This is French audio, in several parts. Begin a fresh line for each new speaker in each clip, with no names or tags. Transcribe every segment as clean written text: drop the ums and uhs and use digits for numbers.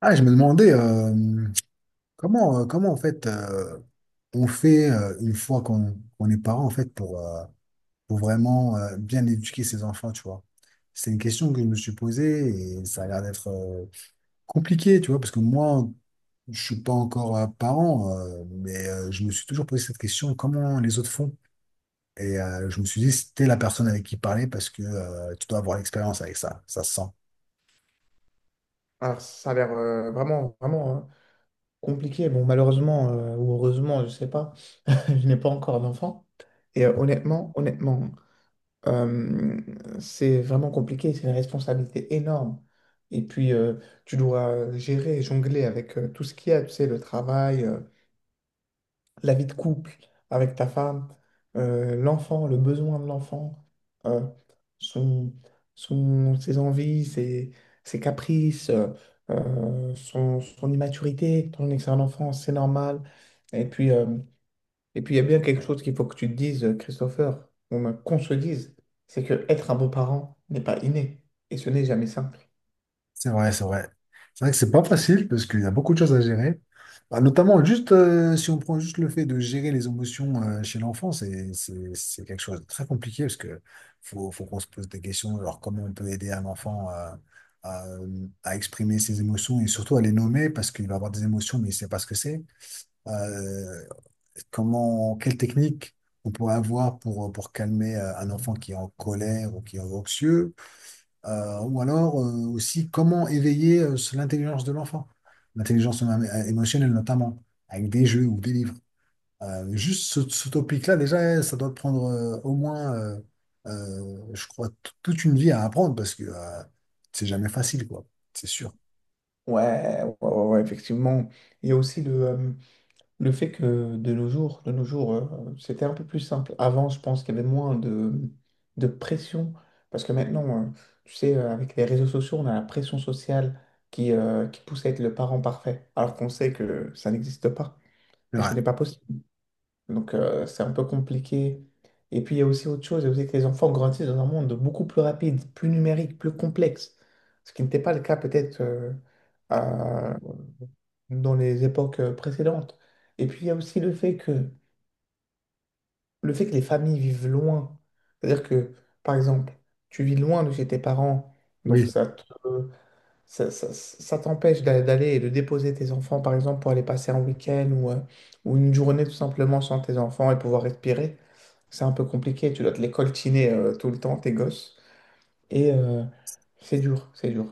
Ah, je me demandais comment, comment en fait on fait une fois qu'on est parent en fait pour vraiment bien éduquer ses enfants, tu vois. C'est une question que je me suis posée et ça a l'air d'être compliqué, tu vois, parce que moi, je suis pas encore parent, mais je me suis toujours posé cette question, comment les autres font? Et je me suis dit, c'était la personne avec qui parler parce que tu dois avoir l'expérience avec ça, ça se sent.
Alors, ça a l'air vraiment, vraiment, hein, compliqué. Bon, malheureusement ou heureusement, je sais pas, je n'ai pas encore d'enfant. Honnêtement, honnêtement, euh, c'est vraiment compliqué. C'est une responsabilité énorme. Et puis, tu dois gérer, jongler avec tout ce qu'il y a, tu sais, le travail. La vie de couple avec ta femme, l'enfant, le besoin de l'enfant, euh, son, ses envies, ses, ses caprices, son immaturité, ton excellente enfance, c'est normal. Et puis, euh, et puis, il y a bien quelque chose qu'il faut que tu te dises, Christopher, ou même qu'on se dise, c'est que être un beau-parent n'est pas inné, et ce n'est jamais simple.
C'est vrai, c'est vrai. C'est vrai que c'est pas facile parce qu'il y a beaucoup de choses à gérer. Bah, notamment, juste si on prend juste le fait de gérer les émotions chez l'enfant, c'est quelque chose de très compliqué parce que faut qu'on se pose des questions, genre comment on peut aider un enfant à, à exprimer ses émotions et surtout à les nommer parce qu'il va avoir des émotions mais il sait pas ce que c'est. Euh, Comment, quelle technique on pourrait avoir pour calmer un enfant qui est en colère ou qui est anxieux? Ou alors aussi comment éveiller l'intelligence de l'enfant, l'intelligence émotionnelle notamment, avec des jeux ou des livres. Juste ce topic-là, déjà, eh, ça doit te prendre au moins, je crois, toute une vie à apprendre parce que c'est jamais facile, quoi. C'est sûr.
Ouais, ouais, ouais, ouais, effectivement. Il y a aussi le fait que de nos jours, c'était un peu plus simple. Avant, je pense qu'il y avait moins de pression. Parce que maintenant, tu sais, avec les réseaux sociaux, on a la pression sociale qui pousse à être le parent parfait. Alors qu'on sait que ça n'existe pas.
C'est
Et ce
vrai.
n'est pas possible. Donc, c'est un peu compliqué. Et puis, il y a aussi autre chose, il y a aussi que les enfants grandissent dans un monde beaucoup plus rapide, plus numérique, plus complexe. Ce qui n'était pas le cas peut-être à- dans les époques précédentes. Et puis, il y a aussi le fait que les familles vivent loin. C'est-à-dire que, par exemple, tu vis loin de chez tes parents, donc
Oui.
ça te, ça- ça t'empêche d'aller et de déposer tes enfants, par exemple, pour aller passer un week-end ou une journée tout simplement sans tes enfants et pouvoir respirer. C'est un peu compliqué, tu dois te les coltiner tout le temps, tes gosses. Et euh, c'est dur, c'est dur.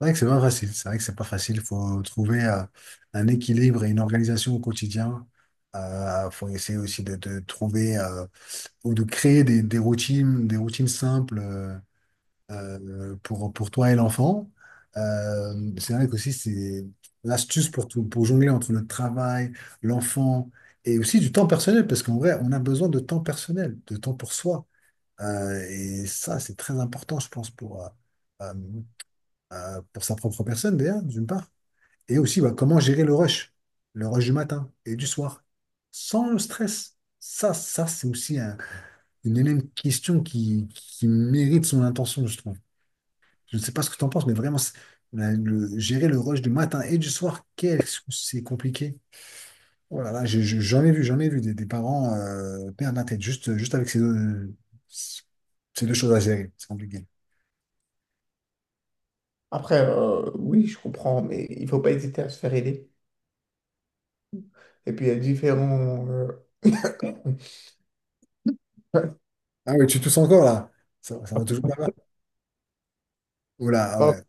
C'est vrai que c'est pas facile. C'est vrai que c'est pas facile. Il faut trouver un équilibre et une organisation au quotidien. Il faut essayer aussi de trouver, ou de créer des routines, des routines simples pour toi et l'enfant. C'est vrai qu'aussi, c'est l'astuce pour jongler entre le travail, l'enfant et aussi du temps personnel, parce qu'en vrai, on a besoin de temps personnel, de temps pour soi. Et ça, c'est très important, je pense, euh, pour sa propre personne, d'ailleurs, d'une part. Et aussi, bah, comment gérer le rush du matin et du soir, sans le stress. C'est aussi une énième question qui mérite son intention, je trouve. Je ne sais pas ce que tu en penses, mais vraiment, gérer le rush du matin et du soir, qu'est-ce que c'est compliqué. Oh là là, j'en ai vu des parents perdre la tête juste avec ces deux choses à gérer. C'est compliqué.
Après, oui, je comprends, mais il faut pas hésiter à se faire aider. Et puis, il y a différents...
Ah oui, tu tousses encore là? Ça va toujours pas mal. Oh là, ah
Pardon,
ouais.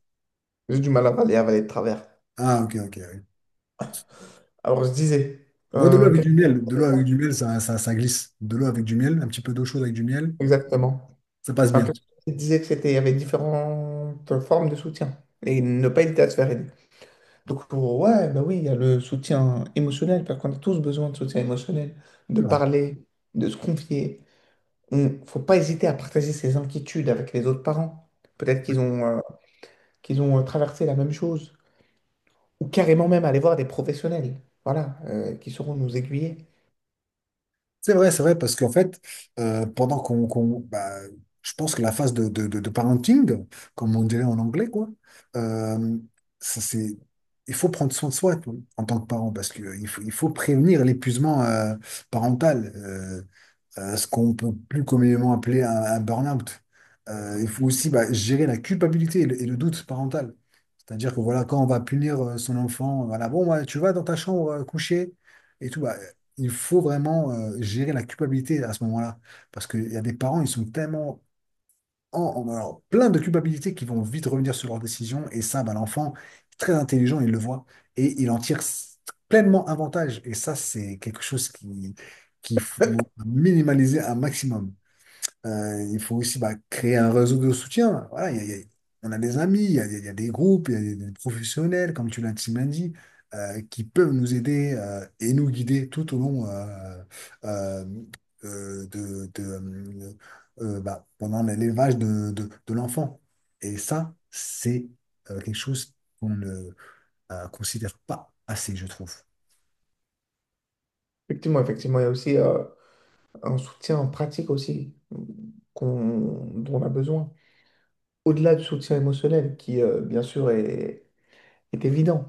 j'ai du mal à avaler, avaler de travers.
Ah ok, ok. Oui.
Alors, je disais,
Moi, de l'eau avec
qu'est-ce
du
que
miel, de l'eau avec du miel, ça glisse. De l'eau avec du miel, un petit peu d'eau chaude avec du miel,
exactement?
ça passe
Alors,
bien.
qu'est-ce que tu disais que c'était, il y avait différentes formes de soutien et ne pas hésiter à se faire aider. Donc, ouais, bah oui, il y a le soutien émotionnel, parce qu'on a tous besoin de soutien émotionnel, de parler, de se confier. Il faut pas hésiter à partager ses inquiétudes avec les autres parents. Peut-être qu'ils ont traversé la même chose, ou carrément même aller voir des professionnels, voilà, qui sauront nous aiguiller.
C'est vrai, parce qu'en fait, bah, je pense que la phase de parenting, comme on dirait en anglais, quoi, euh, ça, c'est, il faut prendre soin de soi, tu vois, en tant que parent, parce que il faut prévenir l'épuisement parental. Ce qu'on peut plus communément appeler un burn-out. Il faut aussi bah, gérer la culpabilité et le doute parental. C'est-à-dire que voilà, quand on va punir son enfant, voilà, bon, ouais, tu vas dans ta chambre coucher et tout, bah, il faut vraiment gérer la culpabilité à ce moment-là. Parce qu'il y a des parents, ils sont tellement alors, plein de culpabilités qui vont vite revenir sur leurs décisions. Et ça, bah, l'enfant, très intelligent, il le voit et il en tire pleinement avantage. Et ça, c'est quelque chose qu'il faut minimaliser un maximum. Il faut aussi bah, créer un réseau de soutien. Voilà, on a des amis, il y a des groupes, il y a des professionnels, comme tu l'as si bien dit, qui peuvent nous aider et nous guider tout au long euh, euh, de, de, euh, bah, pendant l'élevage de l'enfant. Et ça, c'est quelque chose qu'on ne considère pas assez, je trouve.
Effectivement, effectivement, il y a aussi un soutien pratique aussi qu'on, dont on a besoin. Au-delà du soutien émotionnel, qui bien sûr est, est évident,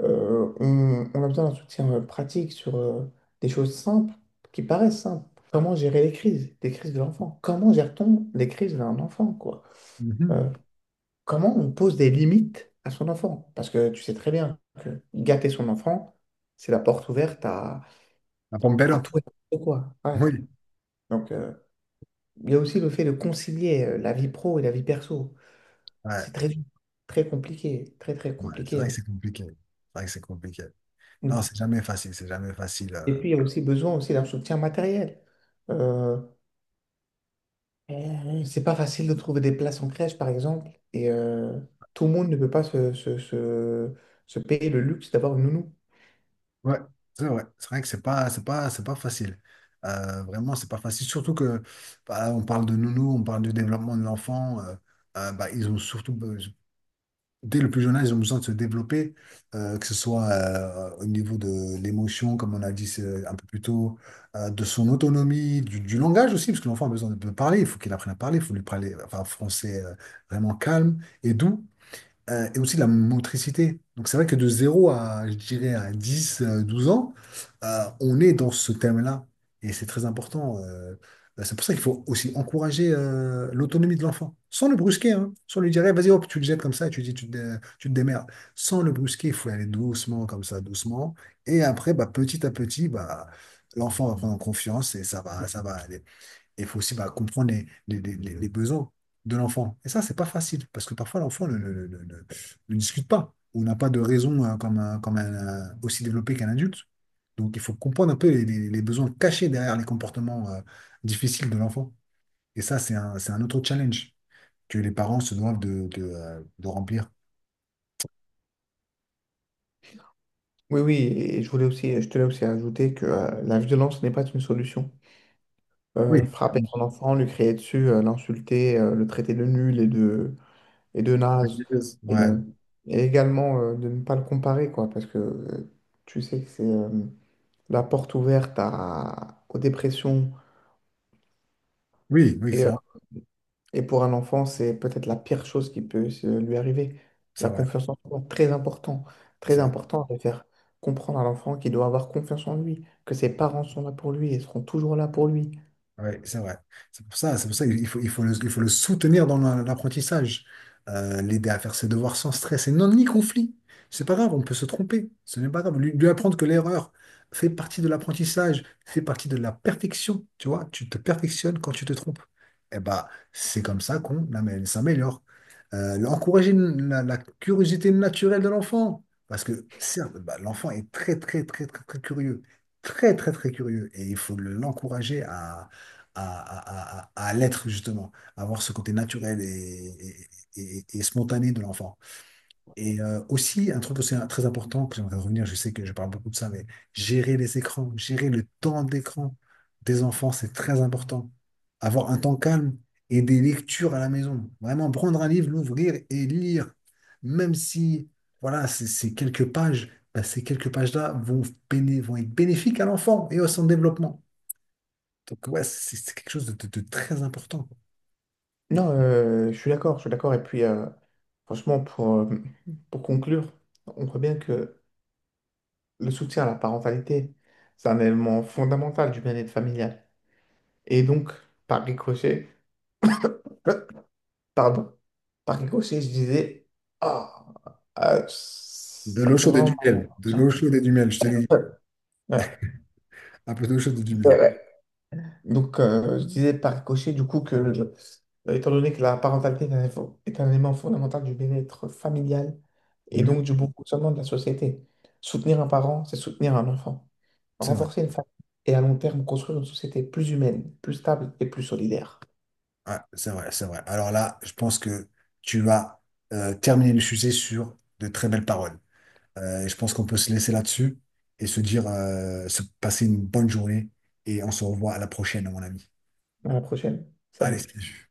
on a besoin d'un soutien pratique sur des choses simples, qui paraissent simples. Comment gérer les crises de l'enfant? Comment gère-t-on les crises d'un enfant, quoi?
Mhm.
Euh, Comment on pose des limites à son enfant? Parce que tu sais très bien que gâter son enfant, c'est la porte ouverte
La pompe
à
up.
tout et n'importe quoi. Ouais.
Oui.
Donc, il y a aussi le fait de concilier la vie pro et la vie perso.
Ouais,
C'est très dur, très compliqué, très, très
ouais, c'est
compliqué,
vrai que
hein.
c'est compliqué. C'est vrai que c'est compliqué. Non,
Oui.
c'est jamais facile, c'est jamais facile.
Et puis, il y a aussi besoin aussi d'un soutien matériel. Euh, c'est pas facile de trouver des places en crèche, par exemple, et tout le monde ne peut pas se, se, se, se payer le luxe d'avoir une nounou.
Ouais, c'est vrai. C'est vrai que c'est pas facile. Vraiment, c'est pas facile. Surtout que, bah, on parle de nounou, on parle du développement de l'enfant. Bah, dès le plus jeune âge, ils ont besoin de se développer, que ce soit au niveau de l'émotion, comme on a dit c'est un peu plus tôt, de son autonomie, du langage aussi, parce que l'enfant a besoin de parler, il faut qu'il apprenne à parler, il faut lui parler enfin, français vraiment calme et doux. Et aussi de la motricité. Donc c'est vrai que de 0 à, je dirais, à 10 12 ans, on est dans ce thème-là. Et c'est très important. C'est pour ça qu'il faut aussi encourager l'autonomie de l'enfant, sans le brusquer, hein. Sans lui dire, eh, vas-y, hop, tu le jettes comme ça, et tu dis, tu te démerdes. Sans le brusquer, il faut y aller doucement, comme ça, doucement. Et après, bah, petit à petit, bah, l'enfant va prendre confiance et ça va aller. Il faut aussi bah, comprendre les besoins de l'enfant. Et ça, c'est pas facile, parce que parfois l'enfant ne discute pas, ou n'a pas de raison comme, aussi développée qu'un adulte. Donc il faut comprendre un peu les besoins cachés derrière les comportements difficiles de l'enfant. Et ça, c'est un autre challenge que les parents se doivent de remplir.
Oui, oui, et je voulais aussi, je tenais aussi à ajouter que la violence n'est pas une solution.
Oui.
Frapper son enfant, lui crier dessus, l'insulter, le traiter de nul et de naze, et,
Ouais.
euh, et également de ne pas le comparer, quoi, parce que tu sais que c'est... la porte ouverte aux dépressions.
Oui, oui,
Et,
c'est
euh, et pour un enfant, c'est peut-être la pire chose qui peut lui arriver.
c'est
La
vrai.
confiance en soi, très important.
C'est
Très
vrai.
important de faire comprendre à l'enfant qu'il doit avoir confiance en lui, que ses parents sont là pour lui et seront toujours là pour lui.
Ouais, c'est vrai. C'est pour ça il faut le soutenir dans l'apprentissage. L'aider à faire ses devoirs sans stress et non ni conflit. C'est pas grave, on peut se tromper. Ce n'est pas grave. Lui apprendre que l'erreur fait partie de l'apprentissage, fait partie de la perfection. Tu vois, tu te perfectionnes quand tu te trompes. Eh ben, c'est comme ça qu'on s'améliore. Encourager la curiosité naturelle de l'enfant. Parce que certes, bah, l'enfant est très, très, très, très, très curieux. Très, très, très curieux. Et il faut l'encourager à l'être justement, à avoir ce côté naturel et spontané de l'enfant. Et aussi, un truc aussi très important, que j'aimerais revenir, je sais que je parle beaucoup de ça, mais gérer les écrans, gérer le temps d'écran des enfants, c'est très important. Avoir un temps calme et des lectures à la maison. Vraiment, prendre un livre, l'ouvrir et lire, même si, voilà, c'est quelques pages. Bah, ces quelques pages-là vont être bénéfiques à l'enfant et à son développement. Donc, ouais, c'est quelque chose de très important.
Non, je suis d'accord, je suis d'accord. Et puis, franchement, pour conclure, on voit bien que le soutien à la parentalité, c'est un élément fondamental du bien-être familial. Et donc, par ricochet, Pardon? Par ricochet, je disais, ah, ah,
De
ça
l'eau
me fait
chaude et
vraiment
du
mal.
miel. De l'eau
Genre.
chaude et du miel, je te
Ouais,
l'ai dit.
ouais,
Un peu d'eau chaude et du miel.
ouais, ouais. Donc, je disais par ricochet, du coup, que étant donné que la parentalité est un élément fondamental du bien-être familial et
Mhm.
donc du bon fonctionnement de la société, soutenir un parent, c'est soutenir un enfant.
C'est vrai.
Renforcer une famille et à long terme construire une société plus humaine, plus stable et plus solidaire.
Ouais, c'est vrai, c'est vrai. Alors là, je pense que tu vas terminer le sujet sur de très belles paroles. Et je pense qu'on peut se laisser là-dessus et se dire, se passer une bonne journée. Et on se revoit à la prochaine, à mon ami.
À la prochaine.
Allez,
Salut.
salut.